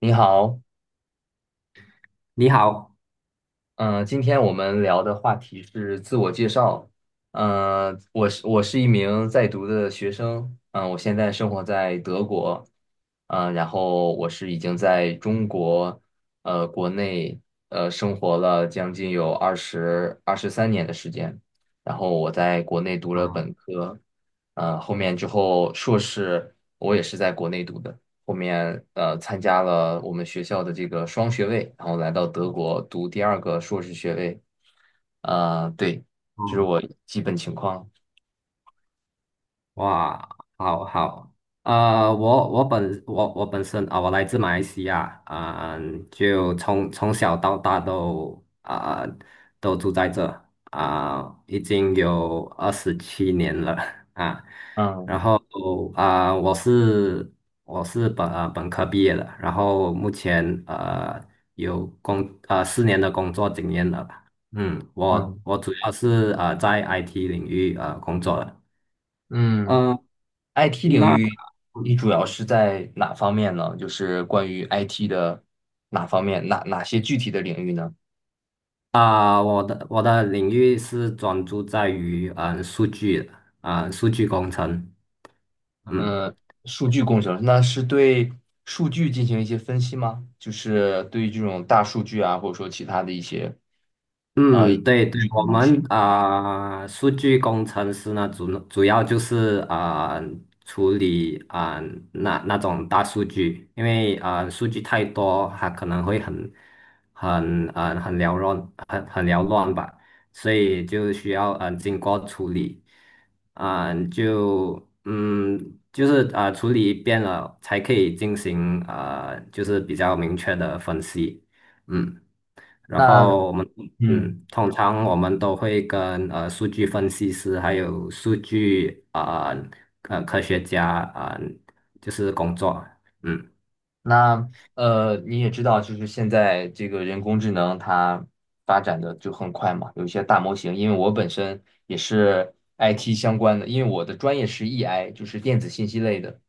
你好，你好。嗯、今天我们聊的话题是自我介绍。我是一名在读的学生，我现在生活在德国，然后我是已经在中国，国内生活了将近有二十三年的时间，然后我在国内读了啊，本科，之后硕士我也是在国内读的。后面参加了我们学校的这个双学位，然后来到德国读第二个硕士学位。对，这是嗯。我基本情况。哇，好好，我本身啊、我来自马来西亚，啊、就从从小到大都啊、都住在这，已经有二十七年了。啊，嗯然嗯后啊、我是本本科毕业的，然后目前有工四年的工作经验了吧。嗯，我嗯我主要是在 IT 领域工作的。嗯呃，IT 领那域你主要是在哪方面呢？就是关于 IT 的哪方面，哪些具体的领域呢？啊、我的领域是专注在于数据，啊、数据工程。嗯。嗯，数据工程，那是对数据进行一些分析吗？就是对于这种大数据啊，或者说其他的一些数嗯，对对，据的我模们型。啊、数据工程师呢，主要就是啊、处理啊、那种大数据，因为啊、数据太多，它可能会很很缭乱，很缭乱吧，所以就需要经过处理，啊、就就是啊、处理一遍了，才可以进行啊、就是比较明确的分析。嗯。然那后我们嗯，嗯，通常我们都会跟数据分析师还有数据科学家啊、就是工作。嗯。那呃，你也知道，就是现在这个人工智能它发展的就很快嘛，有一些大模型。因为我本身也是 IT 相关的，因为我的专业是 EI,就是电子信息类的，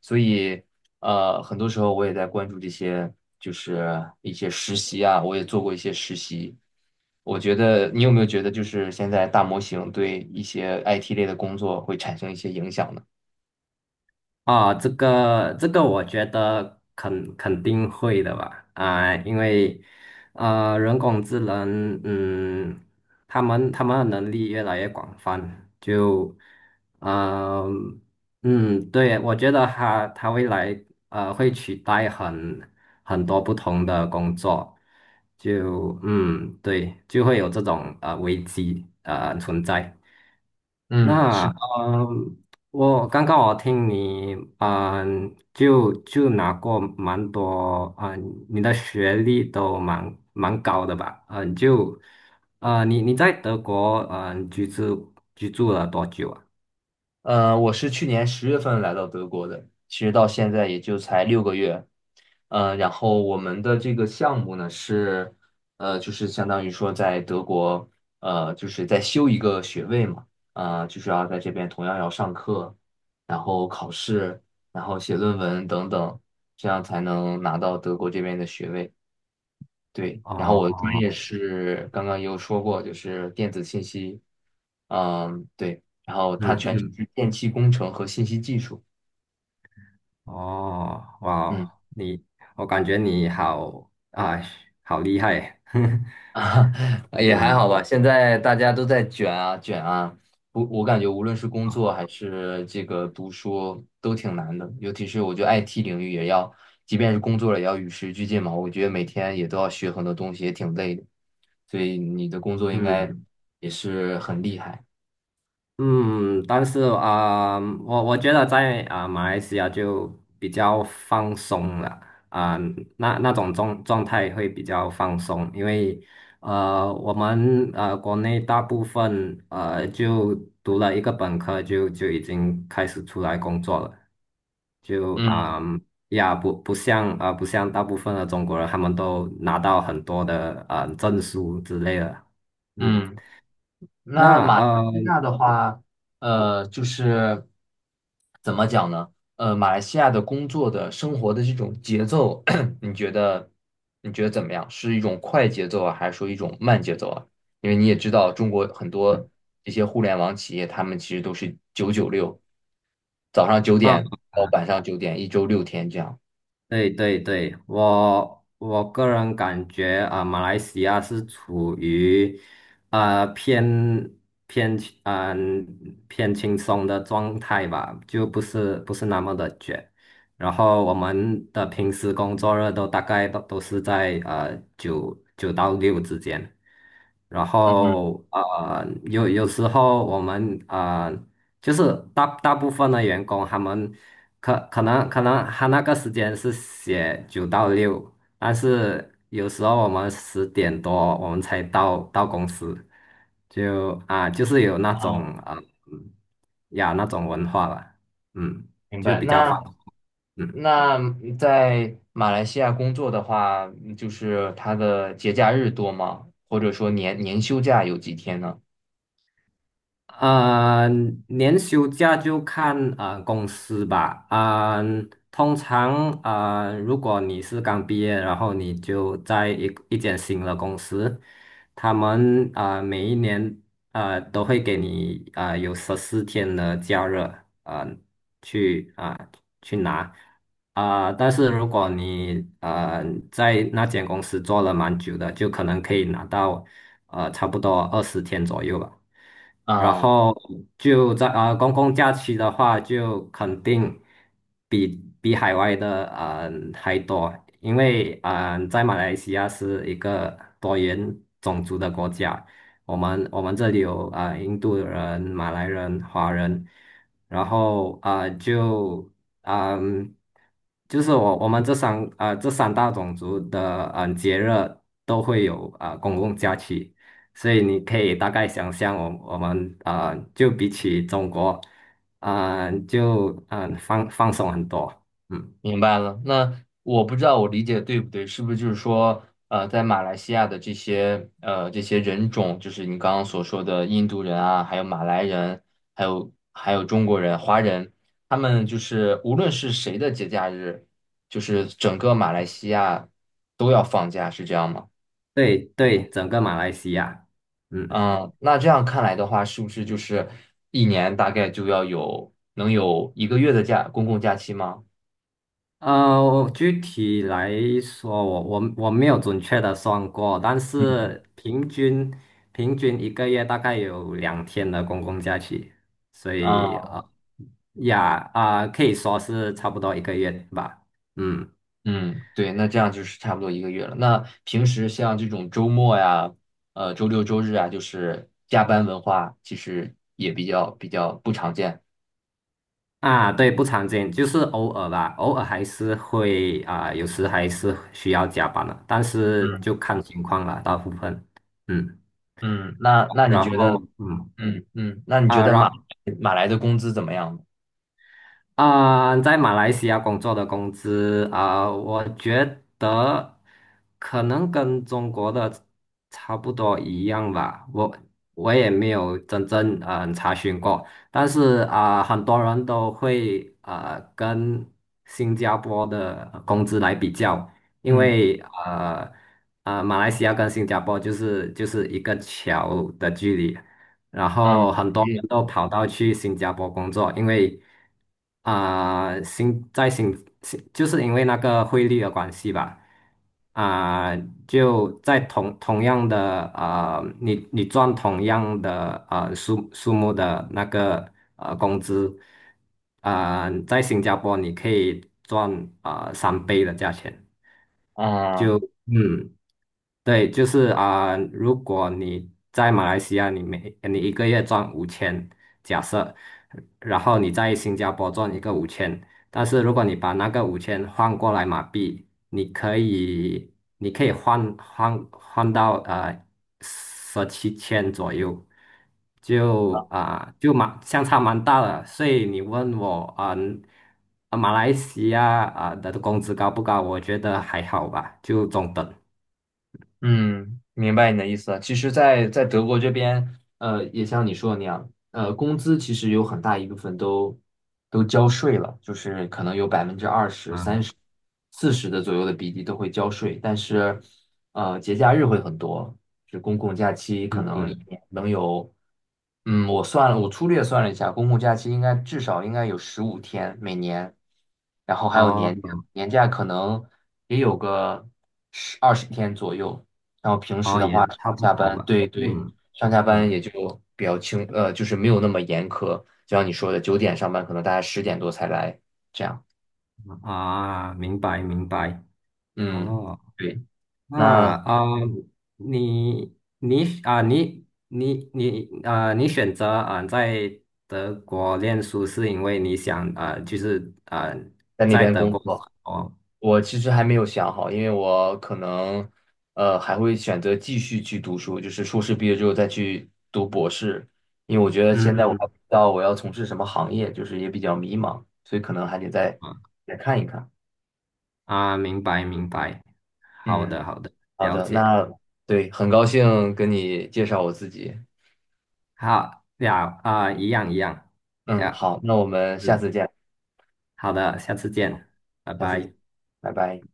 所以很多时候我也在关注这些，就是一些实习啊，我也做过一些实习。我觉得你有没有觉得，就是现在大模型对一些 IT 类的工作会产生一些影响呢？啊，这个，我觉得肯定会的吧，啊、因为人工智能，嗯，他们的能力越来越广泛，就，嗯嗯，对，我觉得他未来会取代很多不同的工作，就嗯，对，就会有这种危机存在。嗯，那是。嗯，我刚刚我听你嗯，就拿过蛮多嗯，你的学历都蛮高的吧？嗯，就你在德国嗯居住了多久啊？我是去年10月份来到德国的，其实到现在也就才6个月。然后我们的这个项目呢是，就是相当于说在德国，就是在修一个学位嘛，就是要在这边同样要上课，然后考试，然后写论文等等，这样才能拿到德国这边的学位。对，然后哦，我的专业是刚刚也有说过，就是电子信息，嗯，对，然后它嗯全称嗯，是电气工程和信息技术，哦，嗯，哇，你我感觉你好啊，好厉害，啊，也还嗯，好吧。现在大家都在卷啊卷啊，我感觉无论是工啊，作还是这个读书都挺难的，尤其是我觉得 IT 领域也要，即便是工作了也要与时俱进嘛，我觉得每天也都要学很多东西，也挺累的，所以你的工作应该嗯。也是很厉害，嗯，但是啊、我觉得在啊、马来西亚就比较放松了，啊、那那种状态会比较放松，因为我们国内大部分就读了一个本科就已经开始出来工作了，就嗯啊、呀不像啊、不像大部分的中国人，他们都拿到很多的证书之类的，嗯，嗯。那那马来呃。西亚的话，就是怎么讲呢？马来西亚的工作的生活的这种节奏，你觉得你觉得怎么样？是一种快节奏啊，还是说一种慢节奏啊？因为你也知道，中国很嗯多这些互联网企业，他们其实都是996，早上九点啊。到晚上九点，一周6天这样。对对对，我个人感觉啊、马来西亚是处于啊、偏嗯、偏轻松的状态吧，就不是那么的卷。然后我们的平时工作日都大概都是在九，九到六之间。然嗯后有时候我们就是大部分的员工，他们可能他那个时间是写九到六，但是有时候我们十点多我们才到公司，就啊、就是有那嗯，种呃嗯呀那种文化了，嗯，明就白。比较那放松。嗯。那在马来西亚工作的话，就是他的节假日多吗？或者说年休假有几天呢？啊、年休假就看啊、公司吧。啊、通常啊、如果你是刚毕业，然后你就在一间新的公司，他们啊、每一年啊、都会给你啊、有十四天的假日，啊、去啊、去拿。啊、但是如果你在那间公司做了蛮久的，就可能可以拿到差不多二十天左右吧。然嗯，后就在啊、公共假期的话，就肯定比比海外的啊、还多，因为啊、在马来西亚是一个多元种族的国家，我们这里有啊、印度人、马来人、华人，然后啊、就嗯、就是我这三啊、这三大种族的节日都会有啊、公共假期。所以你可以大概想象，我啊、就比起中国，啊、就放，放松很多。嗯，明白了。那我不知道我理解对不对，是不是就是说，在马来西亚的这些人种，就是你刚刚所说的印度人啊，还有马来人，还有中国人、华人，他们就是无论是谁的节假日，就是整个马来西亚都要放假，是这样吗？对对，整个马来西亚。嗯，嗯，那这样看来的话，是不是就是一年大概就要能有一个月的假，公共假期吗？我具体来说，我没有准确的算过，但是平均一个月大概有两天的公共假期，所以啊，啊、呃呀啊、可以说是差不多一个月吧。嗯。嗯，对，那这样就是差不多一个月了。那平时像这种周末呀，周六周日啊，就是加班文化，其实也比较不常见。啊，对，不常见，就是偶尔吧，偶尔还是会啊，有时还是需要加班的，但是嗯就看情况了，大部分。嗯，嗯，那那你然觉得，后嗯嗯嗯，那你觉啊，得马然马来的工资怎么样呢？啊、在马来西亚工作的工资啊、我觉得可能跟中国的差不多一样吧。我也没有真正查询过，但是啊、很多人都会跟新加坡的工资来比较，因嗯为呃马来西亚跟新加坡就是一个桥的距离。然嗯，后很多嗯。人都跑到去新加坡工作，因为啊、新在新新就是因为那个汇率的关系吧，啊、就在同样的啊、你赚同样的数目的那个工资，啊、在新加坡你可以赚啊、三倍的价钱，啊嗯，对，就是啊、如果你在马来西亚，你一个月赚五千，假设，然后你在新加坡赚一个五千，但是如果你把那个五千换过来马币，你可以换到十七千左右，就啊、就相差蛮大的，所以你问我啊。啊马来西亚啊的工资高不高？我觉得还好吧，就中等。嗯，明白你的意思了。其实在德国这边，也像你说的那样，工资其实有很大一部分都交税了，就是可能有20%、30、40的左右的比例都会交税，但是，节假日会很多，就是公共假期可嗯能一嗯，年能有。嗯，我算了，我粗略算了一下，公共假期应该至少应该有15天每年，然后还有哦，年假可能也有个二十天左右，然后平时哦，的也话上差不下多班，吧。对对，嗯上下班嗯，也就比较轻，就是没有那么严苛，就像你说的，九点上班，可能大家10点多才来，这样，啊，明白明白。嗯，哦，对，那那啊，你选择啊在德国念书，是因为你想啊，就是啊在那在边德工国。作。哦，我其实还没有想好，因为我可能还会选择继续去读书，就是硕士毕业之后再去读博士，因为我觉得现在我还不嗯，知道我要从事什么行业，就是也比较迷茫，所以可能还得再啊，再看一看。啊，明白明白。好的嗯，好的，好了的，解。那对，很高兴跟你介绍我自己。好呀，啊，一样一样嗯，呀。好，那我们下嗯。次见，好的，下次见，拜下次见，拜。拜拜。